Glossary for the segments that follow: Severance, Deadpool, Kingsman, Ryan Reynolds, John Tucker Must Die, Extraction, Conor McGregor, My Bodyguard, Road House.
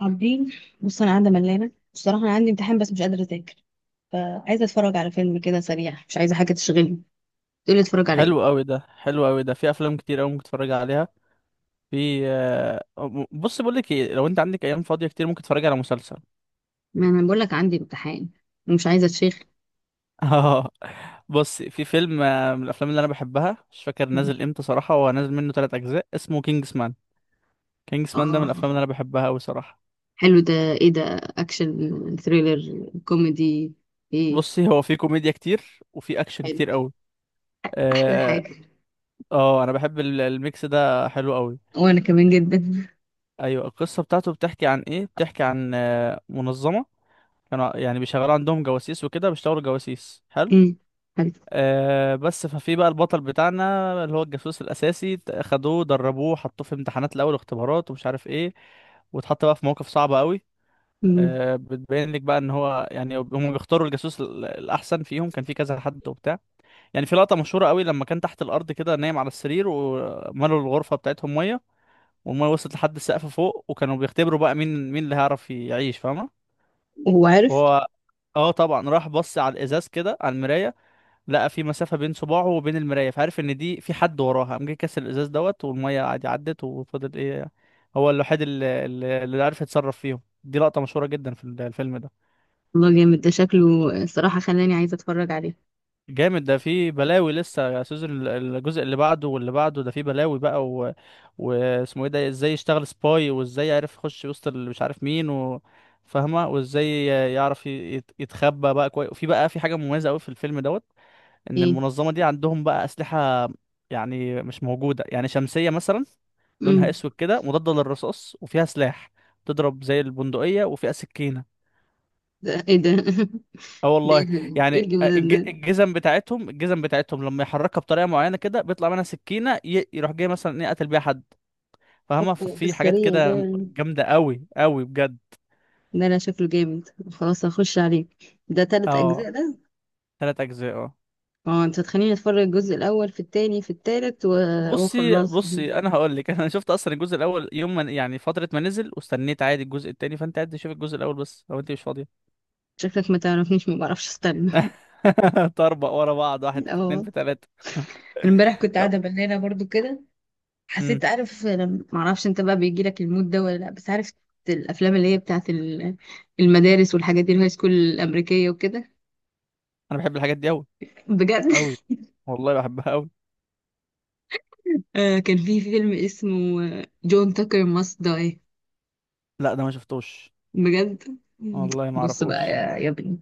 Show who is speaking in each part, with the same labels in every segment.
Speaker 1: عابدين. بص انا قاعده ملانه بصراحه، انا عندي امتحان بس مش قادره اذاكر. فعايزه اتفرج على فيلم كده سريع، مش عايزه حاجه تشغلني. تقولي اتفرج على
Speaker 2: حلو
Speaker 1: ايه؟
Speaker 2: قوي ده، حلو قوي ده، في افلام كتير قوي ممكن تتفرج عليها. في آه، بص، بقول لك ايه، لو انت عندك ايام فاضيه كتير ممكن تتفرج على مسلسل.
Speaker 1: ما انا بقول لك عندي امتحان ومش عايزه اتشيخ.
Speaker 2: اه. بص، في فيلم من الافلام اللي انا بحبها، مش فاكر نازل امتى صراحه، هو نازل منه ثلاث اجزاء، اسمه كينجز مان. كينجز مان ده من
Speaker 1: اه،
Speaker 2: الافلام اللي انا بحبها قوي صراحه.
Speaker 1: حلو ده. ايه ده؟ اكشن ثريلر كوميدي؟ ايه؟
Speaker 2: بصي، هو في كوميديا كتير وفي اكشن
Speaker 1: حلو.
Speaker 2: كتير قوي.
Speaker 1: احلى
Speaker 2: اه.
Speaker 1: حاجه.
Speaker 2: انا بحب الميكس ده، حلو قوي.
Speaker 1: وانا كمان جدا.
Speaker 2: ايوه، القصه بتاعته بتحكي عن ايه؟ بتحكي عن منظمه، كانوا يعني بيشغلوا عندهم جواسيس وكده، بيشتغلوا جواسيس. حلو.
Speaker 1: امم، حلو.
Speaker 2: بس ففي بقى البطل بتاعنا اللي هو الجاسوس الأساسي، خدوه، دربوه، حطوه في امتحانات الأول واختبارات ومش عارف ايه، واتحط بقى في مواقف صعبة قوي.
Speaker 1: امم.
Speaker 2: بتبين لك بقى ان هو يعني هم بيختاروا الجاسوس الأحسن فيهم، كان في كذا حد وبتاع. يعني في لقطة مشهورة قوي، لما كان تحت الأرض كده نايم على السرير وملوا الغرفة بتاعتهم مية، والمية وصلت لحد السقف فوق، وكانوا بيختبروا بقى مين اللي هيعرف يعيش، فاهمة؟
Speaker 1: وهو عارف؟
Speaker 2: هو اه طبعا، راح بص على الازاز كده، على المرايه، لقى في مسافه بين صباعه وبين المرايه، فعرف ان دي في حد وراها، قام جه كسر الازاز دوت، والميه عادي عدت، وفضل ايه، هو الوحيد اللي عرف يتصرف فيهم. دي لقطه مشهوره جدا في الفيلم ده.
Speaker 1: والله جامد ده شكله، صراحه خلاني عايزه اتفرج عليه.
Speaker 2: جامد ده، في بلاوي لسه، يا سيزون الجزء اللي بعده واللي بعده، ده في بلاوي بقى واسمه ايه ده، ازاي يشتغل سباي، وازاي يعرف يخش وسط اللي مش عارف مين فاهمه، وازاي يعرف يتخبى بقى كويس. وفي بقى في حاجه مميزه قوي في الفيلم دوت، ان
Speaker 1: ايه.
Speaker 2: المنظمه دي عندهم بقى اسلحه، يعني مش موجوده، يعني شمسيه مثلا، لونها
Speaker 1: امم.
Speaker 2: اسود كده، مضاده للرصاص وفيها سلاح، تضرب زي البندقيه وفيها سكينه.
Speaker 1: ده ايه ده؟
Speaker 2: اه
Speaker 1: ده ايه
Speaker 2: والله.
Speaker 1: ده؟ إيه
Speaker 2: يعني
Speaker 1: الجمدان
Speaker 2: الج-
Speaker 1: ده؟
Speaker 2: الجزم بتاعتهم الجزم بتاعتهم لما يحركها بطريقه معينه كده بيطلع منها سكينه، يروح جاي مثلا ايه، قتل بيها حد، فاهمه؟
Speaker 1: هوبا
Speaker 2: ففي حاجات
Speaker 1: السريع ده.
Speaker 2: كده جامده قوي قوي بجد.
Speaker 1: ده انا شكله جامد، خلاص هخش عليه. ده 3 اجزاء
Speaker 2: اه.
Speaker 1: ده؟
Speaker 2: ثلاث اجزاء، اه.
Speaker 1: اه. انت هتخليني اتفرج الجزء الاول في التاني في التالت و...
Speaker 2: بصي
Speaker 1: وخلاص،
Speaker 2: بصي، انا هقول لك. انا شفت اصلا الجزء الاول يوم ما يعني فتره ما نزل، واستنيت عادي الجزء التاني، فانت قاعد تشوف الجزء الاول بس لو انت مش فاضيه.
Speaker 1: شكلك ما تعرفنيش، ما بعرفش استنى.
Speaker 2: طربق ورا بعض، واحد في اتنين
Speaker 1: اه،
Speaker 2: في تلاته.
Speaker 1: امبارح كنت
Speaker 2: طب.
Speaker 1: قاعده بنانه برضو كده.
Speaker 2: امم
Speaker 1: حسيت، عارف ما اعرفش انت بقى بيجي لك المود ده ولا لا، بس عارف؟ الافلام اللي هي بتاعت المدارس والحاجات دي، الهاي سكول الامريكيه وكده.
Speaker 2: انا بحب الحاجات دي قوي
Speaker 1: بجد؟
Speaker 2: قوي، والله بحبها قوي.
Speaker 1: كان في فيلم اسمه جون تاكر ماست داي.
Speaker 2: لا ده ما شفتوش،
Speaker 1: بجد.
Speaker 2: والله ما
Speaker 1: بص بقى
Speaker 2: اعرفوش.
Speaker 1: يا ابني،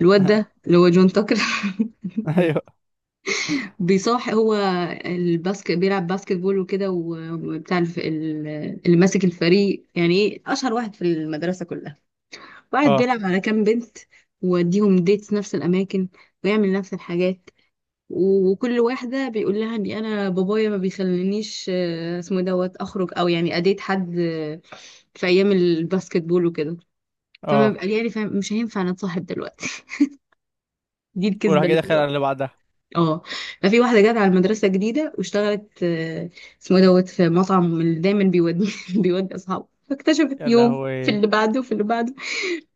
Speaker 1: الواد ده اللي هو جون تاكر
Speaker 2: ايوه.
Speaker 1: بيصاح هو، الباسكت بيلعب باسكت بول وكده وبتاع اللي ماسك الفريق، يعني ايه، اشهر واحد في المدرسه كلها. واحد
Speaker 2: اه،
Speaker 1: بيلعب على كام بنت، ويوديهم ديتس نفس الاماكن، ويعمل نفس الحاجات. وكل واحده بيقول لها ان انا بابايا ما بيخلينيش اسمه إيه دوت اخرج، او يعني اديت حد في ايام الباسكت بول وكده. فما
Speaker 2: اه.
Speaker 1: بقى يعني فاهم مش هينفع نتصاحب دلوقتي. دي
Speaker 2: وراح
Speaker 1: الكذبه
Speaker 2: جاي
Speaker 1: اللي في
Speaker 2: داخل على
Speaker 1: الوقت.
Speaker 2: اللي بعدها.
Speaker 1: اه. ففي واحده جت على المدرسه جديده واشتغلت اسمه إيه دوت في مطعم اللي دايما بيودي بيودي اصحابه. فاكتشفت
Speaker 2: يا
Speaker 1: يوم في
Speaker 2: لهوي.
Speaker 1: اللي بعده وفي اللي بعده،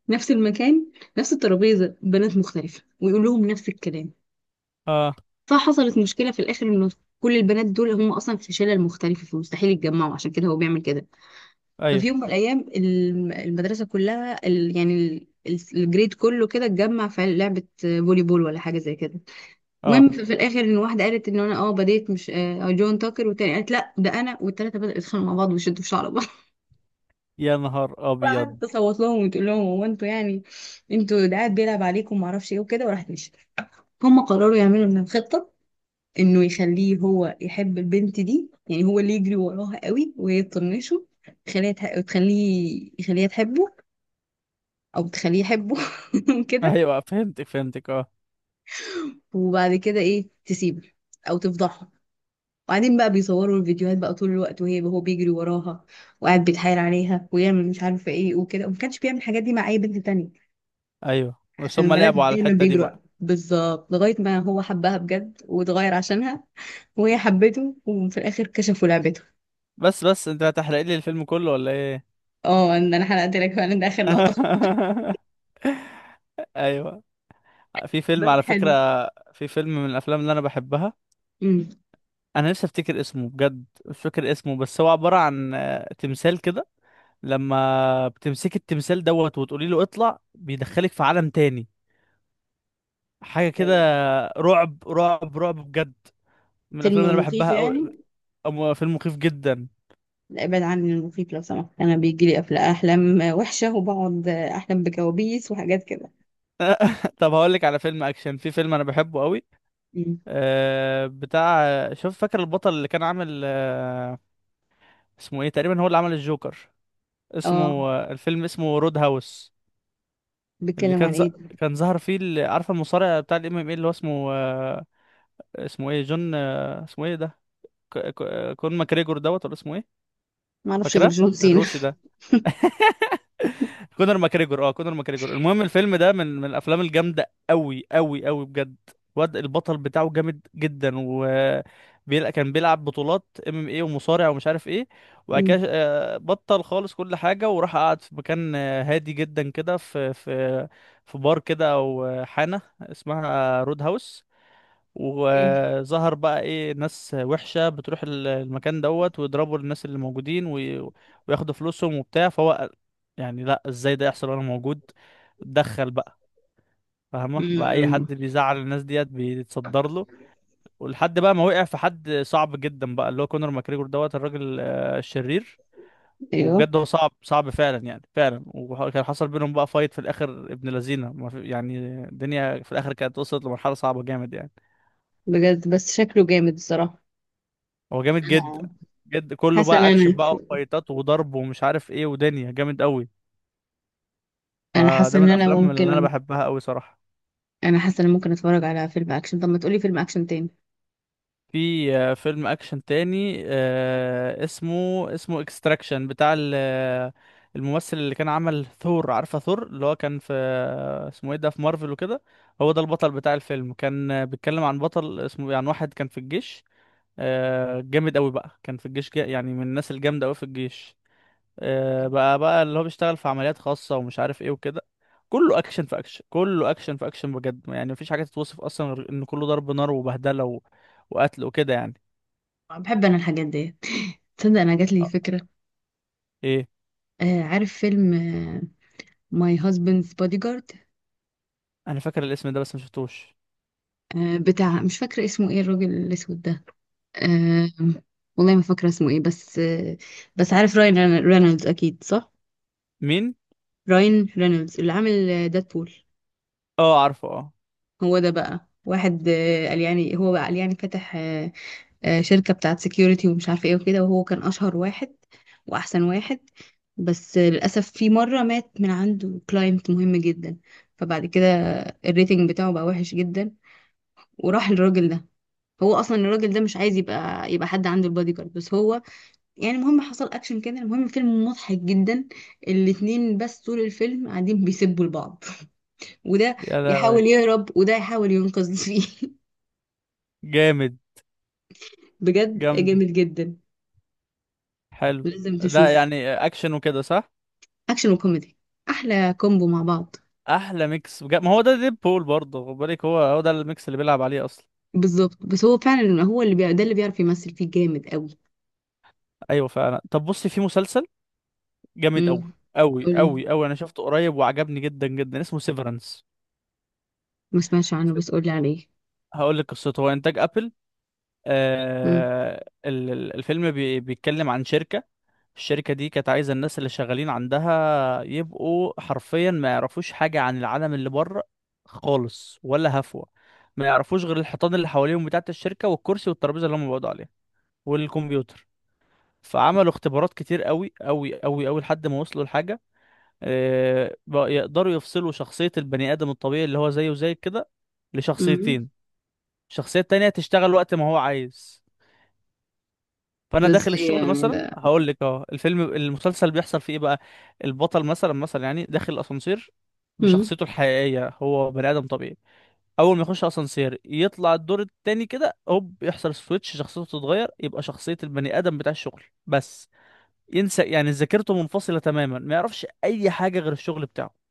Speaker 1: نفس المكان، نفس الترابيزه، بنات مختلفه ويقول لهم نفس الكلام.
Speaker 2: اه.
Speaker 1: فحصلت مشكله في الاخر انه كل البنات دول هم اصلا في شلل مختلفه، فمستحيل يتجمعوا، عشان كده هو بيعمل كده.
Speaker 2: ايوه،
Speaker 1: ففي يوم من الايام المدرسه كلها، يعني الجريد كله كده اتجمع في لعبه فولي بول ولا حاجه زي كده. المهم
Speaker 2: اه.
Speaker 1: في الاخر ان واحده قالت ان انا بديت مش جون تاكر، والتانيه قالت لا ده انا، والتلاته بدأوا يتخانقوا مع بعض ويشدوا في شعر بعض.
Speaker 2: يا نهار ابيض.
Speaker 1: وقعدت تصوت لهم وتقول لهم، هو انتوا يعني انتوا ده قاعد بيلعب عليكم ومعرفش ايه وكده، وراحت مشيت. هم قرروا يعملوا من خطه انه يخليه هو يحب البنت دي، يعني هو اللي يجري وراها قوي وهي تطنشه. تخليه يخليها تحبه، او تخليه يحبه. كده.
Speaker 2: ايوه، فهمتك فهمتك، اه.
Speaker 1: وبعد كده ايه، تسيبه او تفضحه. وبعدين بقى بيصوروا الفيديوهات بقى طول الوقت وهي هو بيجري وراها، وقاعد بيتحايل عليها ويعمل مش عارفه ايه وكده، وما كانش بيعمل الحاجات دي مع اي بنت تانية،
Speaker 2: ايوه، بس
Speaker 1: عشان
Speaker 2: هم
Speaker 1: البنات
Speaker 2: لعبوا على
Speaker 1: دايما
Speaker 2: الحته دي
Speaker 1: بيجروا.
Speaker 2: بقى.
Speaker 1: بالظبط، لغايه ما هو حبها بجد واتغير عشانها، وهي حبته، وفي الاخر كشفوا لعبته.
Speaker 2: بس انت هتحرق لي الفيلم كله ولا ايه؟
Speaker 1: اه، ان انا حرقت لك فعلا، ده اخر لقطه خالص.
Speaker 2: ايوه. في فيلم
Speaker 1: بس
Speaker 2: على فكرة،
Speaker 1: حلو.
Speaker 2: في فيلم من الافلام اللي انا بحبها،
Speaker 1: امم.
Speaker 2: انا نفسي افتكر اسمه بجد، مش فاكر اسمه، بس هو عبارة عن تمثال كده، لما بتمسك التمثال دوت وتقولي له اطلع، بيدخلك في عالم تاني، حاجة كده. رعب رعب رعب بجد، من الافلام اللي
Speaker 1: فيلم
Speaker 2: انا
Speaker 1: مخيف
Speaker 2: بحبها قوي.
Speaker 1: يعني؟
Speaker 2: فيلم مخيف جدا.
Speaker 1: لا، ابعد عني المخيف لو سمحت، انا بيجي لي احلام وحشه وبقعد احلم بكوابيس وحاجات كده.
Speaker 2: طب هقول لك على فيلم اكشن، في فيلم انا بحبه قوي.
Speaker 1: مم.
Speaker 2: بتاع، شوف، فاكر البطل اللي كان عامل اسمه ايه تقريبا، هو اللي عمل الجوكر، اسمه
Speaker 1: اه،
Speaker 2: الفيلم اسمه رود هاوس. اللي
Speaker 1: بيتكلم
Speaker 2: كان
Speaker 1: عن ايه؟
Speaker 2: كان ظهر فيه عارفه المصارع بتاع الMMA، اللي هو اسمه اسمه ايه، جون اسمه ايه ده، ك... كون ماكريجور دوت، ولا اسمه ايه؟
Speaker 1: ما اعرفش غير
Speaker 2: فاكره
Speaker 1: جون سينا.
Speaker 2: الروسي ده، كونر ماكريجور، اه، كونر ماكريجور. المهم الفيلم ده من الافلام الجامده قوي قوي قوي بجد. واد البطل بتاعه جامد جدا، و كان بيلعب بطولات MMA ومصارع ومش عارف ايه. وبعد
Speaker 1: مم.
Speaker 2: كده بطل خالص كل حاجه، وراح قعد في مكان هادي جدا كده، في بار كده، او حانه اسمها رود هاوس.
Speaker 1: إيه؟
Speaker 2: وظهر بقى ايه، ناس وحشة بتروح المكان دوت ويضربوا الناس اللي موجودين، وياخدوا فلوسهم وبتاع، فهو يعني، لا، ازاي ده يحصل وانا موجود؟ اتدخل بقى، فاهمة، بقى اي
Speaker 1: مم.
Speaker 2: حد بيزعل الناس ديت بيتصدر له. ولحد بقى ما وقع في حد صعب جدا بقى، اللي هو كونor ماكريجور دوت، الراجل الشرير.
Speaker 1: ايوه.
Speaker 2: وبجد هو صعب صعب فعلا، يعني فعلا، وكان حصل بينهم بقى فايت في الاخر، ابن لذينه، ما في- يعني الدنيا في الاخر كانت وصلت لمرحله صعبه جامد، يعني
Speaker 1: بجد بس شكله جامد الصراحه.
Speaker 2: هو جامد جدا.
Speaker 1: آه.
Speaker 2: جد كله
Speaker 1: حاسه ان
Speaker 2: بقى
Speaker 1: انا.
Speaker 2: اكشن بقى، وفايتات وضرب ومش عارف ايه، ودنيا جامد قوي،
Speaker 1: انا حاسه
Speaker 2: فده من
Speaker 1: ان انا
Speaker 2: الافلام اللي انا
Speaker 1: ممكن.
Speaker 2: بحبها قوي صراحة.
Speaker 1: انا حاسه ان أنا ممكن اتفرج على فيلم اكشن. طب ما تقولي فيلم اكشن تاني؟
Speaker 2: في فيلم اكشن تاني، اسمه اكستراكشن، بتاع الممثل اللي كان عمل ثور، عارفة ثور، اللي هو كان في اسمه ايه ده، في مارفل وكده. هو ده البطل بتاع الفيلم، كان بيتكلم عن بطل عن واحد كان في الجيش، جامد قوي بقى، كان في الجيش يعني من الناس الجامدة قوي في الجيش، بقى اللي هو بيشتغل في عمليات خاصة ومش عارف ايه وكده. كله اكشن في اكشن، كله اكشن في اكشن بجد، يعني مفيش حاجة تتوصف اصلا غير ان كله ضرب نار وبهدلة و... وقتل وكده يعني.
Speaker 1: بحب انا الحاجات دي. تصدق انا جات لي
Speaker 2: آه،
Speaker 1: فكره.
Speaker 2: ايه.
Speaker 1: آه، عارف فيلم ماي هازبندز بودي جارد؟
Speaker 2: انا فاكر الاسم ده بس مشفتوش.
Speaker 1: بتاع، مش فاكره اسمه ايه الراجل الاسود ده. آه والله ما فاكرة اسمه ايه، بس بس عارف راين رينولدز، اكيد صح.
Speaker 2: مين؟
Speaker 1: راين رينولدز اللي عامل ديدبول.
Speaker 2: اه عارفه، اه.
Speaker 1: هو ده بقى واحد، قال يعني، هو بقى قال يعني فتح شركة بتاعت سكيورتي ومش عارفة ايه وكده، وهو كان اشهر واحد واحسن واحد. بس للأسف في مرة مات من عنده كلاينت مهم جدا. فبعد كده الريتنج بتاعه بقى وحش جدا، وراح للراجل ده. هو اصلا الراجل ده مش عايز يبقى حد عنده البادي جارد، بس هو يعني، المهم حصل اكشن كده. المهم الفيلم مضحك جدا، الاتنين بس طول الفيلم قاعدين بيسبوا لبعض، وده
Speaker 2: يا
Speaker 1: يحاول
Speaker 2: لهوي.
Speaker 1: يهرب وده يحاول ينقذ فيه.
Speaker 2: جامد.
Speaker 1: بجد
Speaker 2: جامدة.
Speaker 1: جامد جدا،
Speaker 2: حلو،
Speaker 1: لازم
Speaker 2: ده
Speaker 1: تشوفه.
Speaker 2: يعني اكشن وكده، صح؟
Speaker 1: اكشن وكوميدي، احلى كومبو مع بعض.
Speaker 2: احلى ميكس بجد، ما هو ده ديد بول برضه، خد بالك، هو هو ده الميكس اللي بيلعب عليه اصلا.
Speaker 1: بالظبط، بس هو فعلا هو اللي ده اللي بيعرف يمثل فيه جامد قوي.
Speaker 2: ايوه فعلا. طب بصي، في مسلسل جامد قوي
Speaker 1: امم.
Speaker 2: قوي
Speaker 1: قول،
Speaker 2: قوي قوي، انا شفته قريب وعجبني جدا جدا، اسمه سيفرنس.
Speaker 1: ما سمعتش عنه بس قول لي عليه.
Speaker 2: هقول لك قصته، هو انتاج ابل.
Speaker 1: امم.
Speaker 2: الفيلم بيتكلم عن شركه، الشركه دي كانت عايزه الناس اللي شغالين عندها يبقوا حرفيا ما يعرفوش حاجه عن العالم اللي بره خالص، ولا هفوه. ما يعرفوش غير الحيطان اللي حواليهم بتاعه الشركه، والكرسي والترابيزه اللي هم بيقعدوا عليها، والكمبيوتر. فعملوا اختبارات كتير قوي قوي قوي قوي، لحد ما وصلوا لحاجه بقى يقدروا يفصلوا شخصية البني آدم الطبيعي اللي هو زيه زي كده،
Speaker 1: امم.
Speaker 2: لشخصيتين. الشخصية التانية تشتغل وقت ما هو عايز. فأنا
Speaker 1: ده
Speaker 2: داخل
Speaker 1: ازاي
Speaker 2: الشغل
Speaker 1: يعني
Speaker 2: مثلا،
Speaker 1: ده؟
Speaker 2: هقول لك اه المسلسل بيحصل فيه إيه بقى. البطل مثلا يعني داخل الأسانسير
Speaker 1: امم.
Speaker 2: بشخصيته الحقيقية، هو بني آدم طبيعي. أول ما يخش أسانسير يطلع الدور التاني كده، هوب يحصل سويتش، شخصيته تتغير، يبقى شخصية البني آدم بتاع الشغل بس، ينسى يعني، ذاكرته منفصلة تماما، ما يعرفش أي حاجة غير الشغل بتاعه.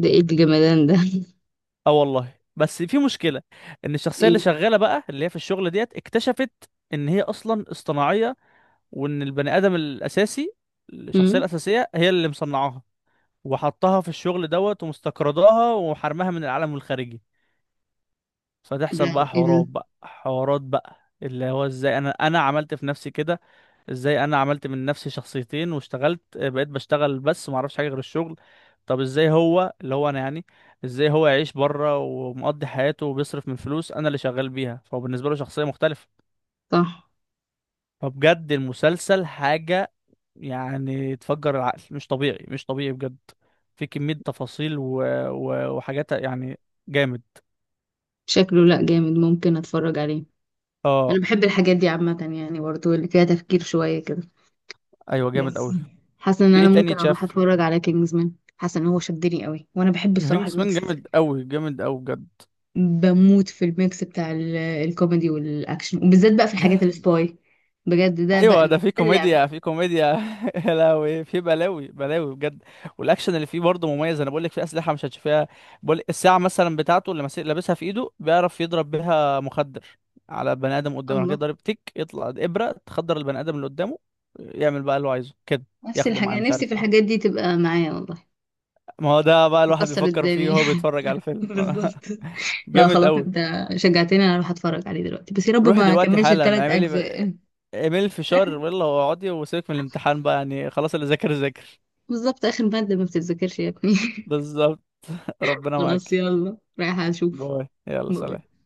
Speaker 1: ده ايه الجمدان ده؟
Speaker 2: اه والله. بس في مشكله، ان الشخصيه اللي
Speaker 1: ايه؟
Speaker 2: شغاله بقى، اللي هي في الشغل ديت، اكتشفت ان هي اصلا اصطناعيه، وان البني ادم الاساسي، الشخصيه
Speaker 1: امم.
Speaker 2: الاساسيه، هي اللي مصنعاها وحطها في الشغل دوت، ومستقرضاها وحرمها من العالم الخارجي.
Speaker 1: ده
Speaker 2: فتحصل بقى
Speaker 1: ايه ده؟
Speaker 2: حوارات بقى، اللي هو ازاي انا عملت في نفسي كده، ازاي انا عملت من نفسي شخصيتين، واشتغلت بقيت بشتغل بس ما اعرفش حاجه غير الشغل. طب ازاي هو، اللي هو انا يعني، ازاي هو يعيش بره ومقضي حياته وبيصرف من فلوس انا اللي شغال بيها، فهو بالنسبه له شخصيه مختلفه.
Speaker 1: صح.
Speaker 2: فبجد المسلسل حاجه، يعني تفجر العقل، مش طبيعي، مش طبيعي بجد. في كميه تفاصيل وحاجات، يعني جامد.
Speaker 1: شكله، لأ جامد، ممكن اتفرج عليه.
Speaker 2: اه.
Speaker 1: انا بحب الحاجات دي عامة يعني، برضو اللي فيها تفكير شوية كده.
Speaker 2: ايوه جامد
Speaker 1: بس
Speaker 2: قوي.
Speaker 1: حاسة ان
Speaker 2: في ايه
Speaker 1: انا
Speaker 2: تاني
Speaker 1: ممكن اروح
Speaker 2: اتشاف؟
Speaker 1: اتفرج على كينجزمان، حاسة ان هو شدني قوي، وانا بحب الصراحة
Speaker 2: وينجز مان
Speaker 1: الميكس.
Speaker 2: جامد قوي، جامد قوي بجد.
Speaker 1: بموت في الميكس بتاع الكوميدي والاكشن، وبالذات بقى في الحاجات السباي. بجد ده بقى
Speaker 2: ايوه، ده
Speaker 1: ده
Speaker 2: في
Speaker 1: اللعب.
Speaker 2: كوميديا، في كوميديا. يا لهوي، في بلاوي بلاوي بجد. والاكشن اللي فيه برضه مميز، انا بقول لك في اسلحه مش هتشوفيها. بقول الساعه مثلا بتاعته اللي ماسك لابسها في ايده، بيعرف يضرب بيها مخدر على بني ادم قدامه، راح جاي
Speaker 1: الله.
Speaker 2: ضارب تك، يطلع ابره تخدر البني ادم اللي قدامه، يعمل بقى اللي هو عايزه كده،
Speaker 1: نفس
Speaker 2: ياخده معاه،
Speaker 1: الحاجة،
Speaker 2: مش
Speaker 1: نفسي في
Speaker 2: عارف
Speaker 1: الحاجات
Speaker 2: ايه.
Speaker 1: دي تبقى معايا والله.
Speaker 2: ما هو ده بقى الواحد
Speaker 1: تكسر
Speaker 2: بيفكر فيه
Speaker 1: الدنيا.
Speaker 2: وهو بيتفرج على الفيلم.
Speaker 1: بالظبط. لا
Speaker 2: جامد
Speaker 1: خلاص،
Speaker 2: قوي.
Speaker 1: انت شجعتني انا اروح اتفرج عليه دلوقتي، بس يا رب
Speaker 2: روح
Speaker 1: ما
Speaker 2: دلوقتي
Speaker 1: كملش
Speaker 2: حالا،
Speaker 1: الثلاث اجزاء
Speaker 2: اعمل فشار، يلا واقعدي، وسيبك من الامتحان بقى، يعني خلاص اللي ذاكر ذاكر.
Speaker 1: بالظبط، آخر مادة ما بتتذاكرش يا ابني.
Speaker 2: بالظبط. ربنا
Speaker 1: خلاص
Speaker 2: معاك.
Speaker 1: يلا رايحة أشوف.
Speaker 2: باي، يلا
Speaker 1: باي.
Speaker 2: سلام.